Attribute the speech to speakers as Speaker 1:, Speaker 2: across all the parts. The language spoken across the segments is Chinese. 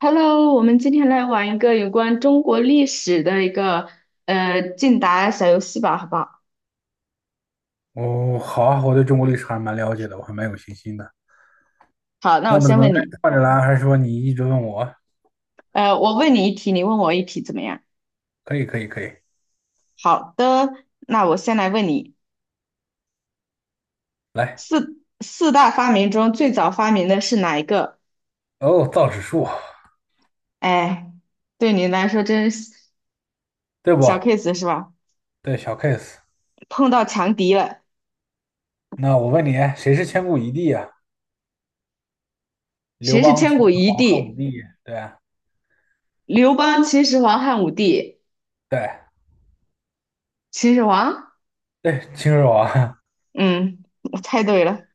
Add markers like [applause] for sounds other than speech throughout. Speaker 1: Hello，我们今天来玩一个有关中国历史的一个竞答小游戏吧，好不好？
Speaker 2: 哦，好啊，我对中国历史还蛮了解的，我还蛮有信心的。
Speaker 1: 好，那
Speaker 2: 那
Speaker 1: 我
Speaker 2: 么怎
Speaker 1: 先
Speaker 2: 么来？
Speaker 1: 问你，
Speaker 2: 换着来，还是说你一直问我？
Speaker 1: 我问你一题，你问我一题，怎么样？
Speaker 2: 可以，可以，可以。
Speaker 1: 好的，那我先来问你，
Speaker 2: 来，
Speaker 1: 四大发明中最早发明的是哪一个？
Speaker 2: 哦，造纸术，
Speaker 1: 哎，对你来说真是
Speaker 2: 对
Speaker 1: 小
Speaker 2: 不？
Speaker 1: case 是吧？
Speaker 2: 对，小 case。
Speaker 1: 碰到强敌了，
Speaker 2: 那我问你，谁是千古一帝啊？刘
Speaker 1: 谁是
Speaker 2: 邦、
Speaker 1: 千
Speaker 2: 秦
Speaker 1: 古
Speaker 2: 始
Speaker 1: 一
Speaker 2: 皇、汉武
Speaker 1: 帝？
Speaker 2: 帝，对啊，
Speaker 1: 刘邦、秦始皇、汉武帝？
Speaker 2: 对
Speaker 1: 秦始皇？
Speaker 2: 对，秦始皇。
Speaker 1: 嗯，我猜对了。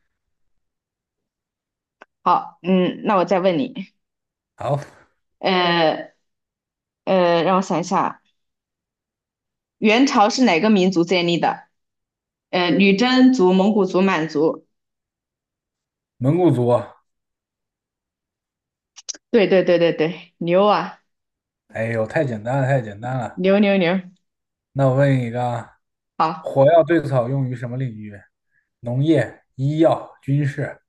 Speaker 1: 好，嗯，那我再问你。
Speaker 2: [laughs] 好，
Speaker 1: 呃让我想一下，元朝是哪个民族建立的？女真族、蒙古族、满族。
Speaker 2: 蒙古族。
Speaker 1: 对对对对对，牛啊，
Speaker 2: 哎呦，太简单了，太简单了。
Speaker 1: 牛牛牛。
Speaker 2: 那我问你一个啊。
Speaker 1: 好，
Speaker 2: 火药最早用于什么领域？农业、医药、军事。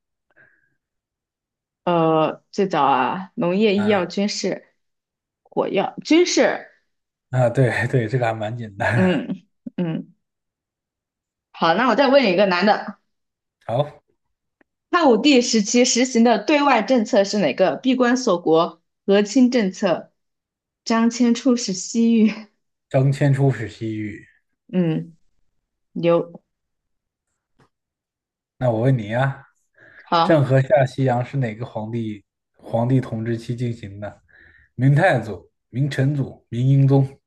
Speaker 1: 最早啊，农业、医药、
Speaker 2: 啊
Speaker 1: 军事、火药、军事。
Speaker 2: 啊，对对，这个还蛮简单。
Speaker 1: 嗯嗯，好，那我再问你一个难的，
Speaker 2: 好，
Speaker 1: 汉武帝时期实行的对外政策是哪个？闭关锁国、和亲政策、张骞出使西域。
Speaker 2: 张骞出使西域。
Speaker 1: 嗯，牛。
Speaker 2: 那我问你啊，郑
Speaker 1: 好，
Speaker 2: 和下西洋是哪个皇帝统治期进行的？明太祖、明成祖、明英宗。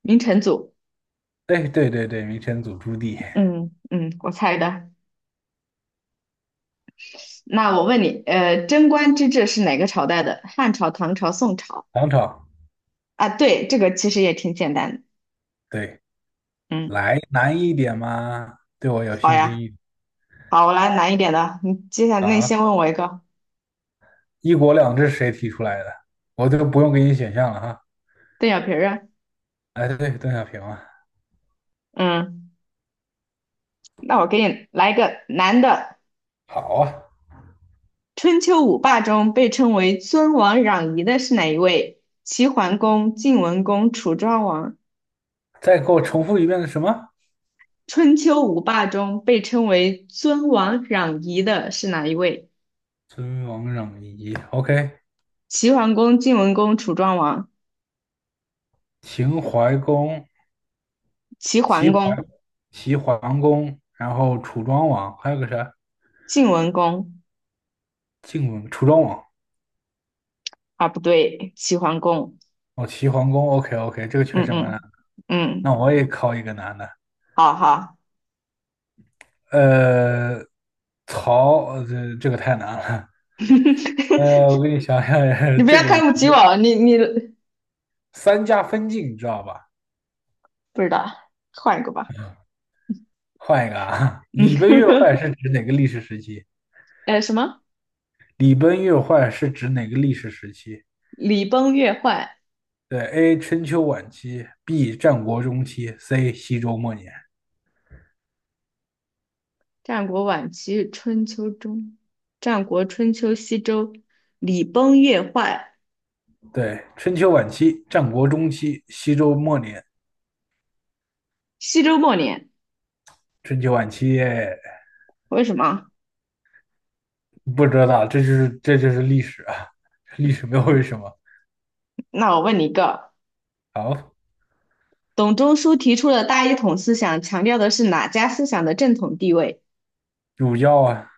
Speaker 1: 明成祖。
Speaker 2: 对对对对，明成祖朱棣，
Speaker 1: 嗯嗯，我猜的。那我问你，贞观之治是哪个朝代的？汉朝、唐朝、宋朝？
Speaker 2: 唐朝。
Speaker 1: 啊，对，这个其实也挺简单的。
Speaker 2: 对，
Speaker 1: 嗯，
Speaker 2: 来难一点嘛，对我有
Speaker 1: 好
Speaker 2: 信心
Speaker 1: 呀，
Speaker 2: 一点
Speaker 1: 好，我来难一点的。你接下来，那你先
Speaker 2: 啊。
Speaker 1: 问我一个
Speaker 2: 一国两制谁提出来的？我都不用给你选项了哈。
Speaker 1: 邓小平儿啊。
Speaker 2: 哎，对，邓小平啊。
Speaker 1: 嗯，那我给你来一个男的。
Speaker 2: 好啊，
Speaker 1: 春秋五霸中被称为尊王攘夷的是哪一位？齐桓公、晋文公、楚庄王。
Speaker 2: 再给我重复一遍是什么？
Speaker 1: 春秋五霸中被称为尊王攘夷的是哪一位？
Speaker 2: 尊王攘夷。OK,
Speaker 1: 齐桓公、晋文公、楚庄王，
Speaker 2: 秦淮公。
Speaker 1: 齐桓
Speaker 2: 齐桓
Speaker 1: 公、
Speaker 2: 齐桓公，然后楚庄王，还有个啥？
Speaker 1: 晋文公
Speaker 2: 晋文楚庄王。
Speaker 1: 啊，不对，齐桓公，
Speaker 2: 哦，齐桓公。OK OK,这个确
Speaker 1: 嗯
Speaker 2: 实蛮难
Speaker 1: 嗯
Speaker 2: 的。那
Speaker 1: 嗯，
Speaker 2: 我也考一个难的。
Speaker 1: 好好，
Speaker 2: 呃，曹，这个太难了。
Speaker 1: [laughs]
Speaker 2: 我给你想想，
Speaker 1: 你
Speaker 2: [laughs]
Speaker 1: 不
Speaker 2: 这
Speaker 1: 要
Speaker 2: 个我
Speaker 1: 看不起我，你
Speaker 2: 三家分晋，你知道吧？
Speaker 1: 不知道，换一个吧，
Speaker 2: 换一个啊，[laughs] 礼崩乐坏
Speaker 1: 嗯，
Speaker 2: 是指哪个历史时期？
Speaker 1: [laughs] 什么？
Speaker 2: 礼崩乐坏是指哪个历史时期？
Speaker 1: 礼崩乐坏，
Speaker 2: 对，A. 春秋晚期，B. 战国中期，C. 西周末年。
Speaker 1: 战国晚期，春秋中，战国春秋西周，礼崩乐坏，
Speaker 2: 对，春秋晚期、战国中期、西周末年、
Speaker 1: 西周末年，
Speaker 2: 春秋晚期，
Speaker 1: 为什么？
Speaker 2: 不知道，这就是历史啊，历史没有为什么。
Speaker 1: 那我问你一个。
Speaker 2: 好，
Speaker 1: 董仲舒提出了大一统思想，强调的是哪家思想的正统地位
Speaker 2: 主要啊。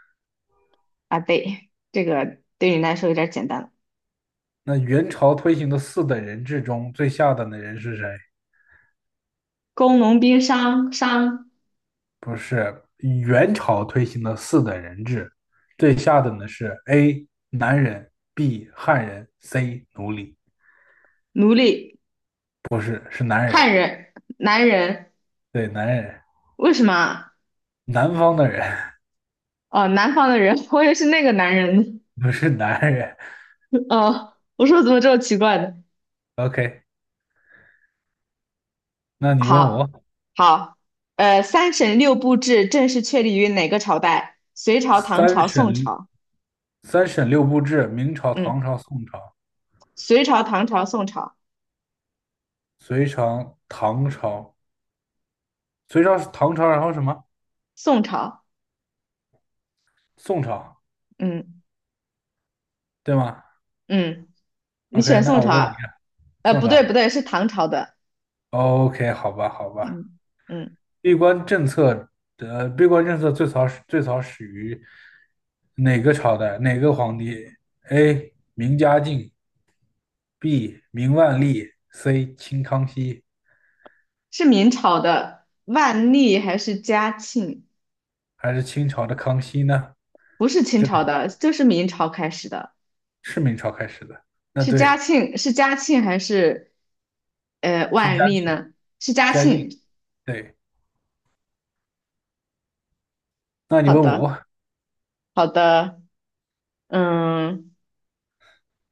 Speaker 1: 啊？对，这个对你来说有点简单了。
Speaker 2: 那元朝推行的四等人制中最下等的人是谁？
Speaker 1: 工农兵商
Speaker 2: 不是元朝推行的四等人制，最下等的是 A 男人，B 汉人，C 奴隶，
Speaker 1: 奴隶
Speaker 2: 不是是男人，
Speaker 1: 汉人男人，
Speaker 2: 对男人，
Speaker 1: 为什么啊？
Speaker 2: 南方的人。
Speaker 1: 哦，南方的人，[laughs] 我也是那个男人。
Speaker 2: [laughs] 不是男人。
Speaker 1: [laughs] 哦，我说怎么这么奇怪呢？
Speaker 2: OK,那你问
Speaker 1: 好，
Speaker 2: 我。
Speaker 1: 好，三省六部制正式确立于哪个朝代？隋朝、唐
Speaker 2: 三
Speaker 1: 朝、
Speaker 2: 省
Speaker 1: 宋朝。
Speaker 2: 三省六部制，明朝、
Speaker 1: 嗯，
Speaker 2: 唐朝、宋朝、
Speaker 1: 隋朝、唐朝、宋朝，
Speaker 2: 隋朝、唐朝、隋朝、唐朝，然后什么？
Speaker 1: 宋朝。
Speaker 2: 宋朝，
Speaker 1: 嗯
Speaker 2: 对吗
Speaker 1: 嗯。你
Speaker 2: ？OK,
Speaker 1: 选
Speaker 2: 那
Speaker 1: 宋朝
Speaker 2: 我问你，
Speaker 1: 啊
Speaker 2: 宋
Speaker 1: 不对，不
Speaker 2: 朝。
Speaker 1: 对，是唐朝的。
Speaker 2: OK,好吧，好吧。
Speaker 1: 嗯嗯，
Speaker 2: 闭关政策闭关政策最早始于哪个朝代？哪个皇帝？A. 明嘉靖，B. 明万历，C. 清康熙，
Speaker 1: 是明朝的万历还是嘉庆？
Speaker 2: 还是清朝的康熙呢？
Speaker 1: 不是清
Speaker 2: 这个
Speaker 1: 朝的，就是明朝开始的。
Speaker 2: 是明朝开始的。那
Speaker 1: 是嘉
Speaker 2: 对。
Speaker 1: 庆，是嘉庆还是
Speaker 2: 是
Speaker 1: 万
Speaker 2: 嘉
Speaker 1: 历
Speaker 2: 靖，
Speaker 1: 呢？是嘉
Speaker 2: 嘉靖，
Speaker 1: 庆。
Speaker 2: 对。那你
Speaker 1: 好
Speaker 2: 问
Speaker 1: 的，
Speaker 2: 我，
Speaker 1: 好的。嗯，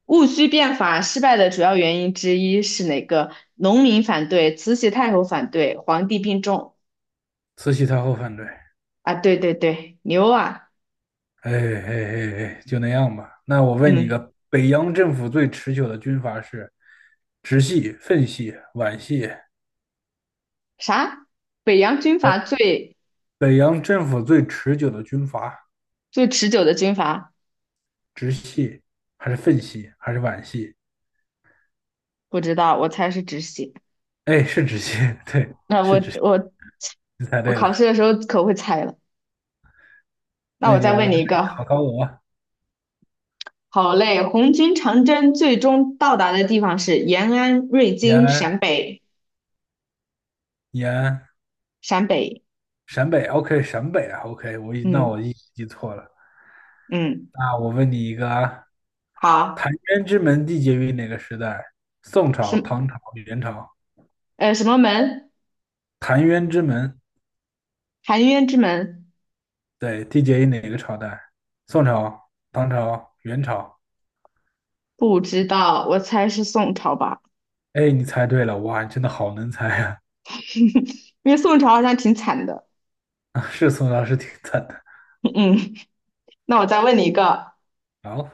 Speaker 1: 戊戌变法失败的主要原因之一是哪个？农民反对，慈禧太后反对，皇帝病重。
Speaker 2: 慈禧太后反对，哎
Speaker 1: 啊，对对对，牛啊！
Speaker 2: 哎哎哎，就那样吧。那我问你
Speaker 1: 嗯，
Speaker 2: 个，北洋政府最持久的军阀是直系、奉系、皖系。
Speaker 1: 啥？北洋军阀最
Speaker 2: 北洋政府最持久的军阀，
Speaker 1: 最持久的军阀，
Speaker 2: 直系还是奉系还是皖系？
Speaker 1: 不知道，我猜是止血。
Speaker 2: 哎，是直系，[laughs] 对，
Speaker 1: 那
Speaker 2: 是
Speaker 1: 我
Speaker 2: 直系，
Speaker 1: 我
Speaker 2: 你猜
Speaker 1: 我
Speaker 2: 对了。
Speaker 1: 考试的时候可会猜了。那
Speaker 2: 那
Speaker 1: 我
Speaker 2: 你
Speaker 1: 再
Speaker 2: 就来
Speaker 1: 问你一
Speaker 2: 考
Speaker 1: 个，
Speaker 2: 考我，
Speaker 1: 好嘞，红军长征最终到达的地方是延安、瑞
Speaker 2: 延
Speaker 1: 金、
Speaker 2: 安，
Speaker 1: 陕北、
Speaker 2: 延安，
Speaker 1: 陕北。
Speaker 2: 陕北，OK,陕北啊，OK,我一那
Speaker 1: 嗯
Speaker 2: 我一记错了。
Speaker 1: 嗯，
Speaker 2: 那我问你一个啊，澶
Speaker 1: 好，
Speaker 2: 渊之门缔结于哪个时代？宋朝、
Speaker 1: 什
Speaker 2: 唐朝、元朝。
Speaker 1: 什么门？
Speaker 2: 澶渊之门，
Speaker 1: 含冤之门？
Speaker 2: 对，缔结于哪个朝代？宋朝、唐朝、元朝。
Speaker 1: 不知道，我猜是宋朝吧，
Speaker 2: 哎，你猜对了，哇，你真的好能猜啊！
Speaker 1: [laughs] 因为宋朝好像挺惨的。
Speaker 2: [laughs] 啊是宋朝，是挺惨的。
Speaker 1: 嗯，那我再问你一个。
Speaker 2: 好，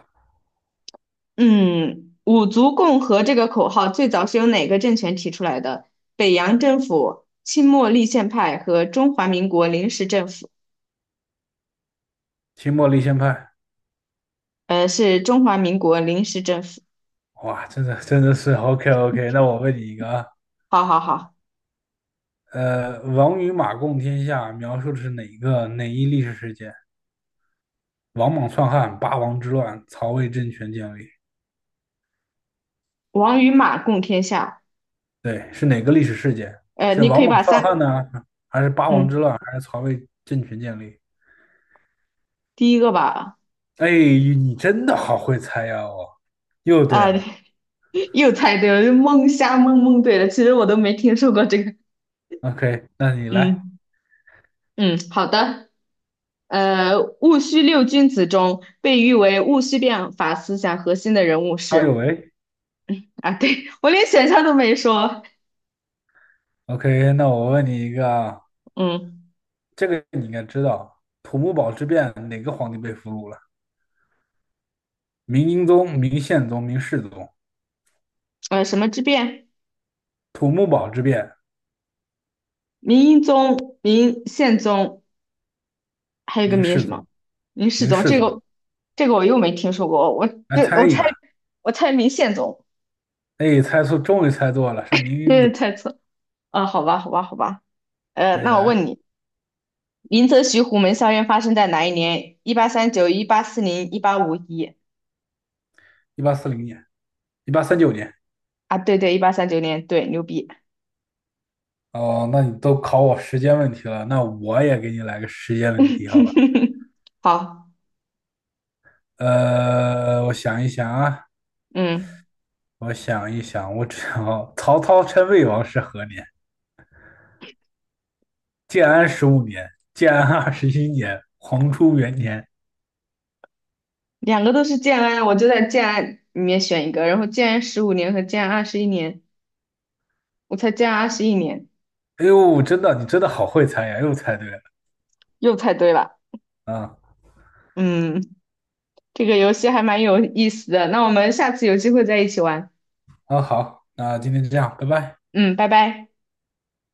Speaker 1: 嗯，五族共和这个口号最早是由哪个政权提出来的？北洋政府、清末立宪派和中华民国临时政府。
Speaker 2: 清末立宪派，
Speaker 1: 是中华民国临时政府。
Speaker 2: 哇，真的真的是 [laughs] OK OK。那我问你一个啊，
Speaker 1: 好好好，
Speaker 2: 王与马共天下描述的是哪一历史事件？王莽篡汉、八王之乱、曹魏政权建立。
Speaker 1: 王与马共天下。
Speaker 2: 对，是哪个历史事件？是
Speaker 1: 你可
Speaker 2: 王
Speaker 1: 以
Speaker 2: 莽
Speaker 1: 把
Speaker 2: 篡
Speaker 1: 三，
Speaker 2: 汉呢，还是八王之
Speaker 1: 嗯，
Speaker 2: 乱，还是曹魏政权建立？
Speaker 1: 第一个吧，
Speaker 2: 哎，你真的好会猜呀！哦，又对
Speaker 1: 啊，
Speaker 2: 了。
Speaker 1: [laughs] 又猜对了，就蒙瞎蒙蒙对了。其实我都没听说过这个。
Speaker 2: OK,那你来，
Speaker 1: 嗯嗯，好的。戊戌六君子中被誉为戊戌变法思想核心的人物
Speaker 2: 康有
Speaker 1: 是。
Speaker 2: 为。
Speaker 1: [laughs] 啊，对，我连选项都没说。
Speaker 2: OK,那我问你一个啊，
Speaker 1: 嗯，
Speaker 2: 这个你应该知道，土木堡之变哪个皇帝被俘虏了？明英宗、明宪宗、明世宗。
Speaker 1: 什么之变？
Speaker 2: 土木堡之变，
Speaker 1: 明英宗、明宪宗，还有一个
Speaker 2: 明
Speaker 1: 明
Speaker 2: 世
Speaker 1: 什么？
Speaker 2: 宗，
Speaker 1: 明世
Speaker 2: 明
Speaker 1: 宗。
Speaker 2: 世
Speaker 1: 这
Speaker 2: 宗。
Speaker 1: 个，这个我又没听说过。
Speaker 2: 来猜
Speaker 1: 我
Speaker 2: 一
Speaker 1: 猜，
Speaker 2: 个，
Speaker 1: 我猜明宪宗，
Speaker 2: 哎，猜错，终于猜错了，是明
Speaker 1: [laughs] 这
Speaker 2: 英
Speaker 1: 是
Speaker 2: 宗。
Speaker 1: 猜错。啊，好吧，好吧，好吧。
Speaker 2: 那你
Speaker 1: 那我
Speaker 2: 来，
Speaker 1: 问你，林则徐虎门校运发生在哪一年？一八三九、1840、1851。
Speaker 2: 1840年，1839年。
Speaker 1: 啊，对对，1839年。对，牛逼。
Speaker 2: 哦，那你都考我时间问题了，那我也给你来个时间问题，好吧？
Speaker 1: [laughs] 好，
Speaker 2: 我想一想啊，
Speaker 1: 嗯。
Speaker 2: 我想一想，我只要曹操称魏王是何年？建安十五年，建安二十一年，黄初元年。
Speaker 1: 两个都是建安，我就在建安里面选一个，然后建安15年和建安二十一年，我才建安二十一年，
Speaker 2: 哎呦，真的，你真的好会猜呀，又猜对了。
Speaker 1: 又猜对了。
Speaker 2: 啊
Speaker 1: 嗯，这个游戏还蛮有意思的，那我们下次有机会再一起玩。
Speaker 2: 啊，好，那今天就这样，拜拜。
Speaker 1: 嗯，拜拜。